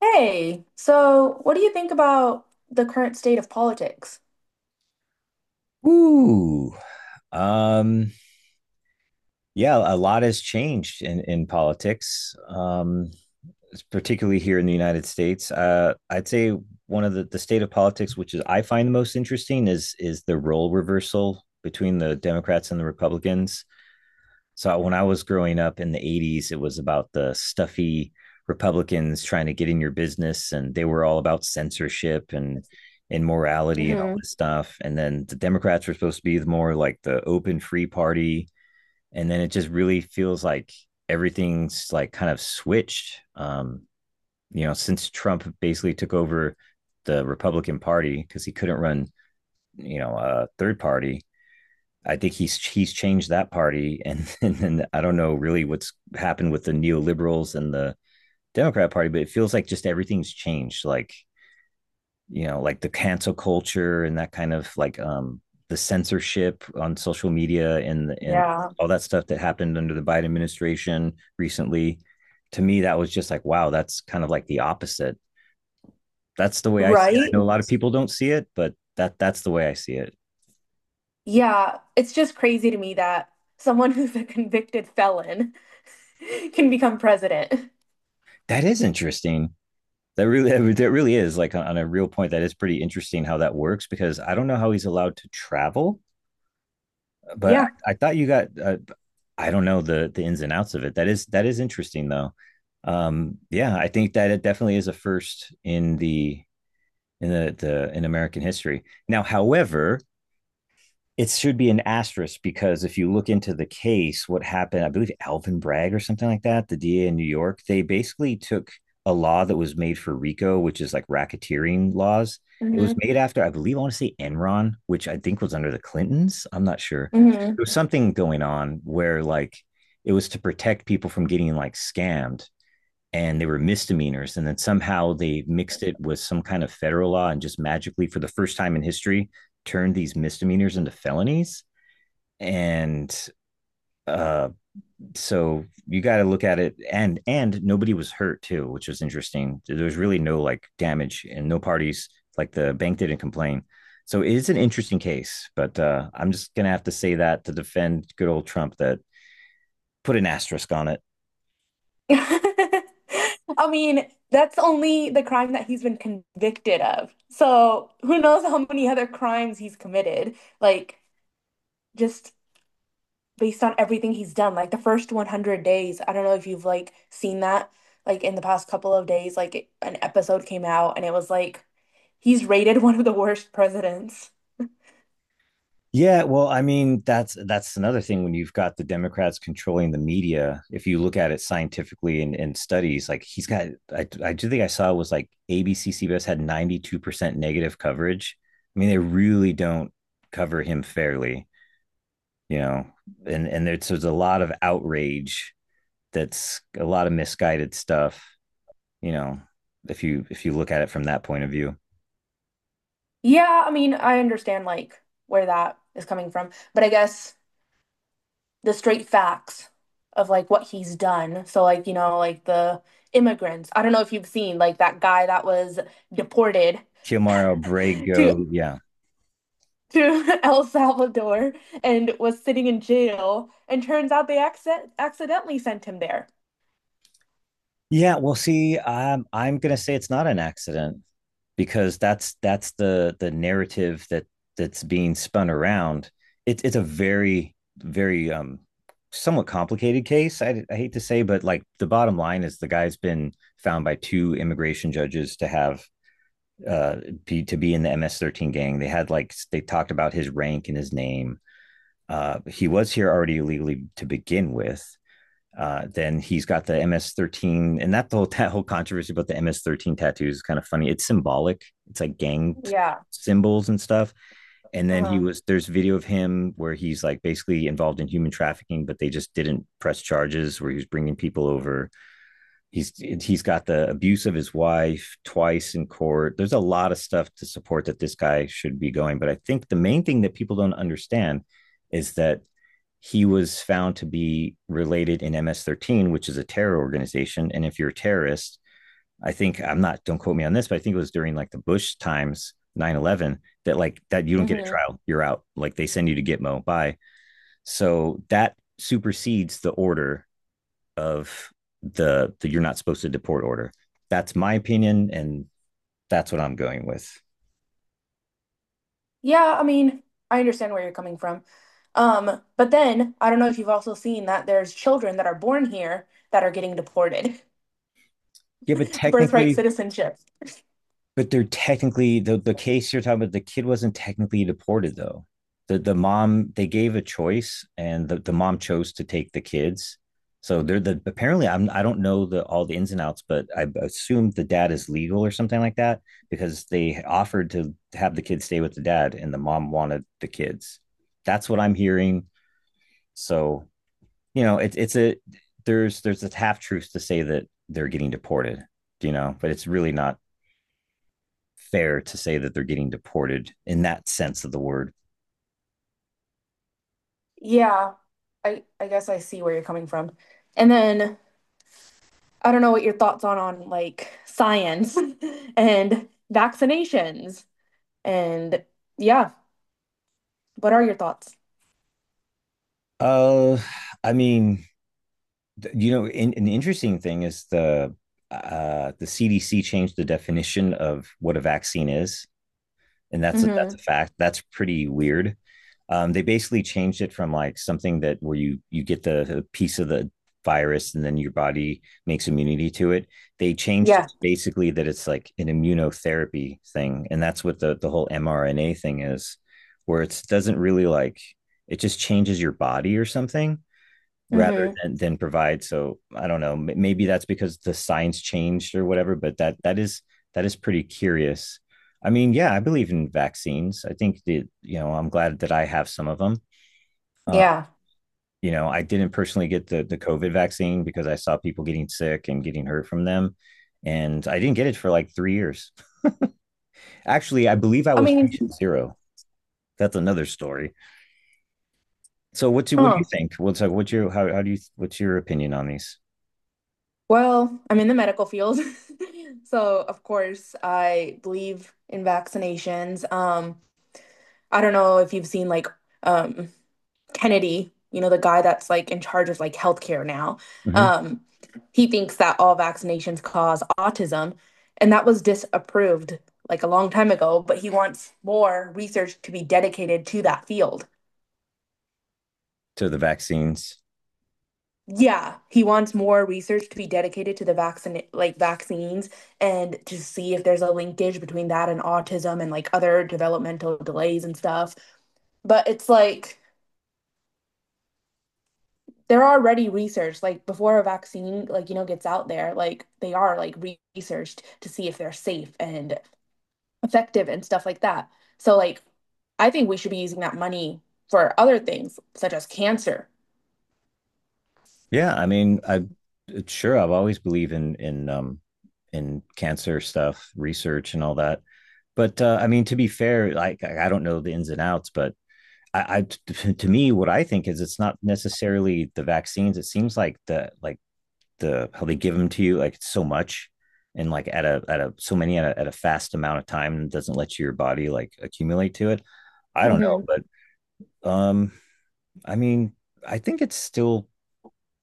Hey, so what do you think about the current state of politics? Ooh, um, yeah, a lot has changed in politics, particularly here in the United States. I'd say one of the state of politics, which is I find the most interesting, is the role reversal between the Democrats and the Republicans. So when I was growing up in the 80s, it was about the stuffy Republicans trying to get in your business, and they were all about censorship and immorality and all Hmm. this stuff. And then the Democrats were supposed to be more like the open free party. And then it just really feels like everything's like kind of switched. Since Trump basically took over the Republican Party because he couldn't run, a third party, I think he's changed that party, and, and I don't know really what's happened with the neoliberals and the Democrat Party, but it feels like just everything's changed. Like like the cancel culture and that kind of like the censorship on social media and Yeah. all that stuff that happened under the Biden administration recently. To me, that was just like wow, that's kind of like the opposite. That's the way I see it. I Right? know a lot of people don't see it, but that's the way I see it. Yeah, it's just crazy to me that someone who's a convicted felon can become president. That is interesting. That really, that really is like on a real point. That is pretty interesting how that works because I don't know how he's allowed to travel, but Yeah. I thought you got, I don't know the ins and outs of it. That is interesting though. Yeah, I think that it definitely is a first in the in American history. Now, however, it should be an asterisk because if you look into the case, what happened, I believe Alvin Bragg or something like that, the DA in New York, they basically took a law that was made for RICO, which is like racketeering laws. It was Hmm. made after, I believe, I want to say Enron, which I think was under the Clintons. I'm not sure. Hmm. There was something going on where like it was to protect people from getting like scammed and they were misdemeanors. And then somehow they mixed it with some kind of federal law and just magically, for the first time in history, turned these misdemeanors into felonies. And uh, so you got to look at it, and nobody was hurt too, which was interesting. There was really no like damage, and no parties like the bank didn't complain. So it is an interesting case, but I'm just gonna have to say that to defend good old Trump that put an asterisk on it. I mean, that's only the crime that he's been convicted of. So who knows how many other crimes he's committed? Like, just based on everything he's done. Like the first 100 days, I don't know if you've seen that like in the past couple of days like an episode came out and it was like he's rated one of the worst presidents. Yeah, well, I mean, that's another thing when you've got the Democrats controlling the media. If you look at it scientifically and in studies, like he's got, I do think I saw it was like ABC CBS had 92% negative coverage. I mean, they really don't cover him fairly. You know, and there's a lot of outrage. That's a lot of misguided stuff. You know, if you look at it from that point of view, Yeah, I mean, I understand like where that is coming from, but I guess the straight facts of like what he's done. So like, you know, like the immigrants. I don't know if you've seen like that guy that was deported Kilmar to Abrego, yeah, to El Salvador and was sitting in jail. And turns out they accidentally sent him there. yeah. Well, see, I'm gonna say it's not an accident because that's the narrative that that's being spun around. It's a very somewhat complicated case. I hate to say, but like the bottom line is the guy's been found by two immigration judges to have uh, to be in the MS13 gang. They had like they talked about his rank and his name. He was here already illegally to begin with. Then he's got the MS13, and that whole that whole controversy about the MS13 tattoos is kind of funny. It's symbolic. It's like gang Yeah. symbols and stuff. And then he Uh-huh. was there's video of him where he's like basically involved in human trafficking, but they just didn't press charges. Where he was bringing people over he's he's got the abuse of his wife twice in court. There's a lot of stuff to support that this guy should be going, but I think the main thing that people don't understand is that he was found to be related in MS13, which is a terror organization. And if you're a terrorist, I think I'm not don't quote me on this, but I think it was during like the bush times 9/11, that like that you don't get a Hmm. trial. You're out, like they send you to gitmo, bye. So that supersedes the order of the you're not supposed to deport order. That's my opinion, and that's what I'm going with. Yeah, I mean, I understand where you're coming from. But then I don't know if you've also seen that there's children that are born here that are getting deported. Yeah, but Birthright technically, citizenship. but they're technically the case you're talking about. The kid wasn't technically deported though. The mom they gave a choice, and the mom chose to take the kids. So they're the apparently I don't know the all the ins and outs, but I assume the dad is legal or something like that because they offered to have the kids stay with the dad, and the mom wanted the kids. That's what I'm hearing. So you know, it's a there's a half truth to say that they're getting deported, you know, but it's really not fair to say that they're getting deported in that sense of the word. Yeah, I guess I see where you're coming from. And then I don't know what your thoughts on like science and vaccinations and yeah. What are your thoughts? Uh, I mean, you know, an interesting thing is the CDC changed the definition of what a vaccine is, and that's Mm-hmm. a fact. That's pretty weird. They basically changed it from like something that where you get the piece of the virus and then your body makes immunity to it. They changed it Yeah. to basically that it's like an immunotherapy thing, and that's what the whole mRNA thing is, where it doesn't really like it just changes your body or something rather Mm-hmm. than provide. So I don't know. Maybe that's because the science changed or whatever. But that is that is pretty curious. I mean, yeah, I believe in vaccines. I think that you know I'm glad that I have some of them. Uh, Yeah. you know, I didn't personally get the COVID vaccine because I saw people getting sick and getting hurt from them, and I didn't get it for like 3 years. Actually, I believe I I was mean, patient zero. That's another story. So what do you huh. think? What's like? What's your how do you what's your opinion on these? Well, I'm in the medical field. So, of course, I believe in vaccinations. I don't know if you've seen like um Kennedy, you know, the guy that's like in charge of like healthcare now. Mhm. Um, he thinks that all vaccinations cause autism, and that was disapproved like a long time ago, but he wants more research to be dedicated to that field. To the vaccines. Yeah, he wants more research to be dedicated to the vaccine, like vaccines, and to see if there's a linkage between that and autism and like other developmental delays and stuff. But it's like they're already researched, like before a vaccine, like you know, gets out there, like they are researched to see if they're safe and effective and stuff like that. So like, I think we should be using that money for other things such as cancer. Yeah, I mean, I sure I've always believed in in cancer stuff, research and all that. But I mean, to be fair, like I don't know the ins and outs, but to me, what I think is it's not necessarily the vaccines. It seems like the how they give them to you, like it's so much, and like at a so many at a fast amount of time doesn't let your body like accumulate to it. I don't know, Hmm. but um, I mean, I think it's still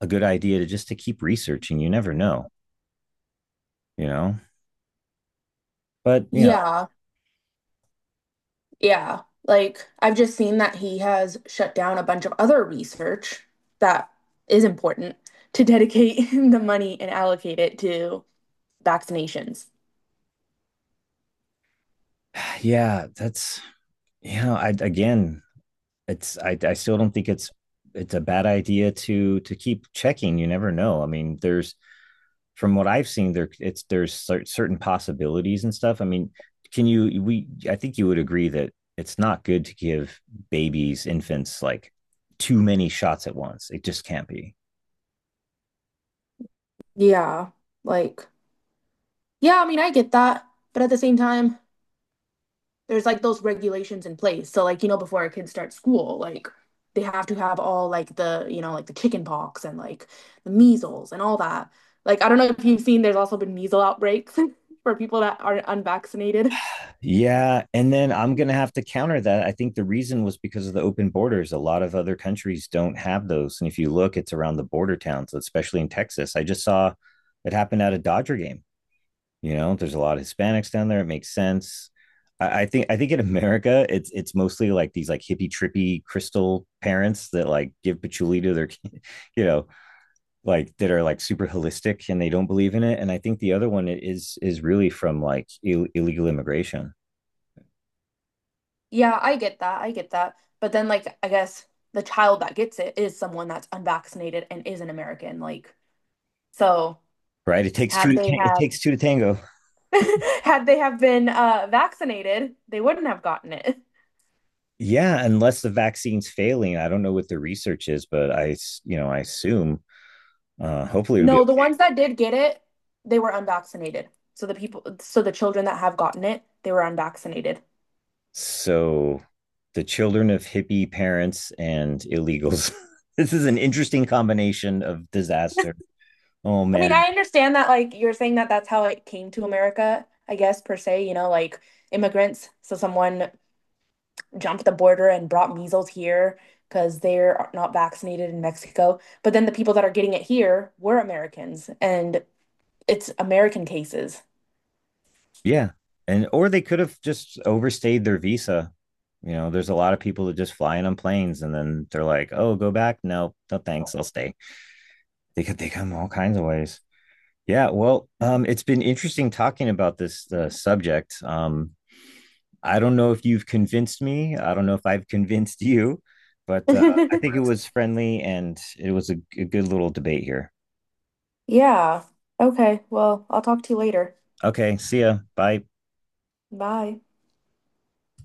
a good idea to just to keep researching. You never know, you know. But you know, Yeah. Yeah, like I've just seen that he has shut down a bunch of other research that is important to dedicate the money and allocate it to vaccinations. yeah, that's you know, it's I still don't think it's a bad idea to keep checking. You never know. I mean, there's from what I've seen, there's certain possibilities and stuff. I mean, can you we I think you would agree that it's not good to give babies infants like too many shots at once. It just can't be. Yeah, like, yeah, I mean, I get that, but at the same time, there's like those regulations in place. So like, you know, before our kids start school, like they have to have all like the, you know, like the chicken pox and like the measles and all that. Like, I don't know if you've seen, there's also been measles outbreaks for people that are unvaccinated. Yeah, and then I'm going to have to counter that. I think the reason was because of the open borders. A lot of other countries don't have those, and if you look, it's around the border towns, especially in Texas. I just saw it happen at a Dodger game. You know, there's a lot of Hispanics down there. It makes sense. I think in America, it's mostly like these like hippie trippy crystal parents that like give patchouli to their, kid, you know, like that are like super holistic and they don't believe in it. And I think the other one is really from like illegal immigration. Yeah, I get that. I get that. But then, like, I guess the child that gets it is someone that's unvaccinated and is an American. Like, so Right? It takes had two. Right. They It have takes two to tango. had they have been vaccinated, they wouldn't have gotten it. Yeah, unless the vaccine's failing, I don't know what the research is, but you know, I assume hopefully it would be No, okay. the ones that did get it, they were unvaccinated. So the people, so the children that have gotten it, they were unvaccinated. So. The children of hippie parents and illegals. This is an interesting combination of disaster. Oh I mean, man, I understand that, like, you're saying that that's how it came to America, I guess, per se, you know, like immigrants. So someone jumped the border and brought measles here because they're not vaccinated in Mexico. But then the people that are getting it here were Americans, and it's American cases. yeah, and or they could have just overstayed their visa. You know, there's a lot of people that just fly in on planes and then they're like, "Oh, go back? No, no, thanks, I'll stay." They come all kinds of ways. Yeah, well, it's been interesting talking about this subject. I don't know if you've convinced me. I don't know if I've convinced you, but I think it was friendly and it was a good little debate here. Yeah. Okay. Well, I'll talk to you later. Okay, see ya. Bye. Bye.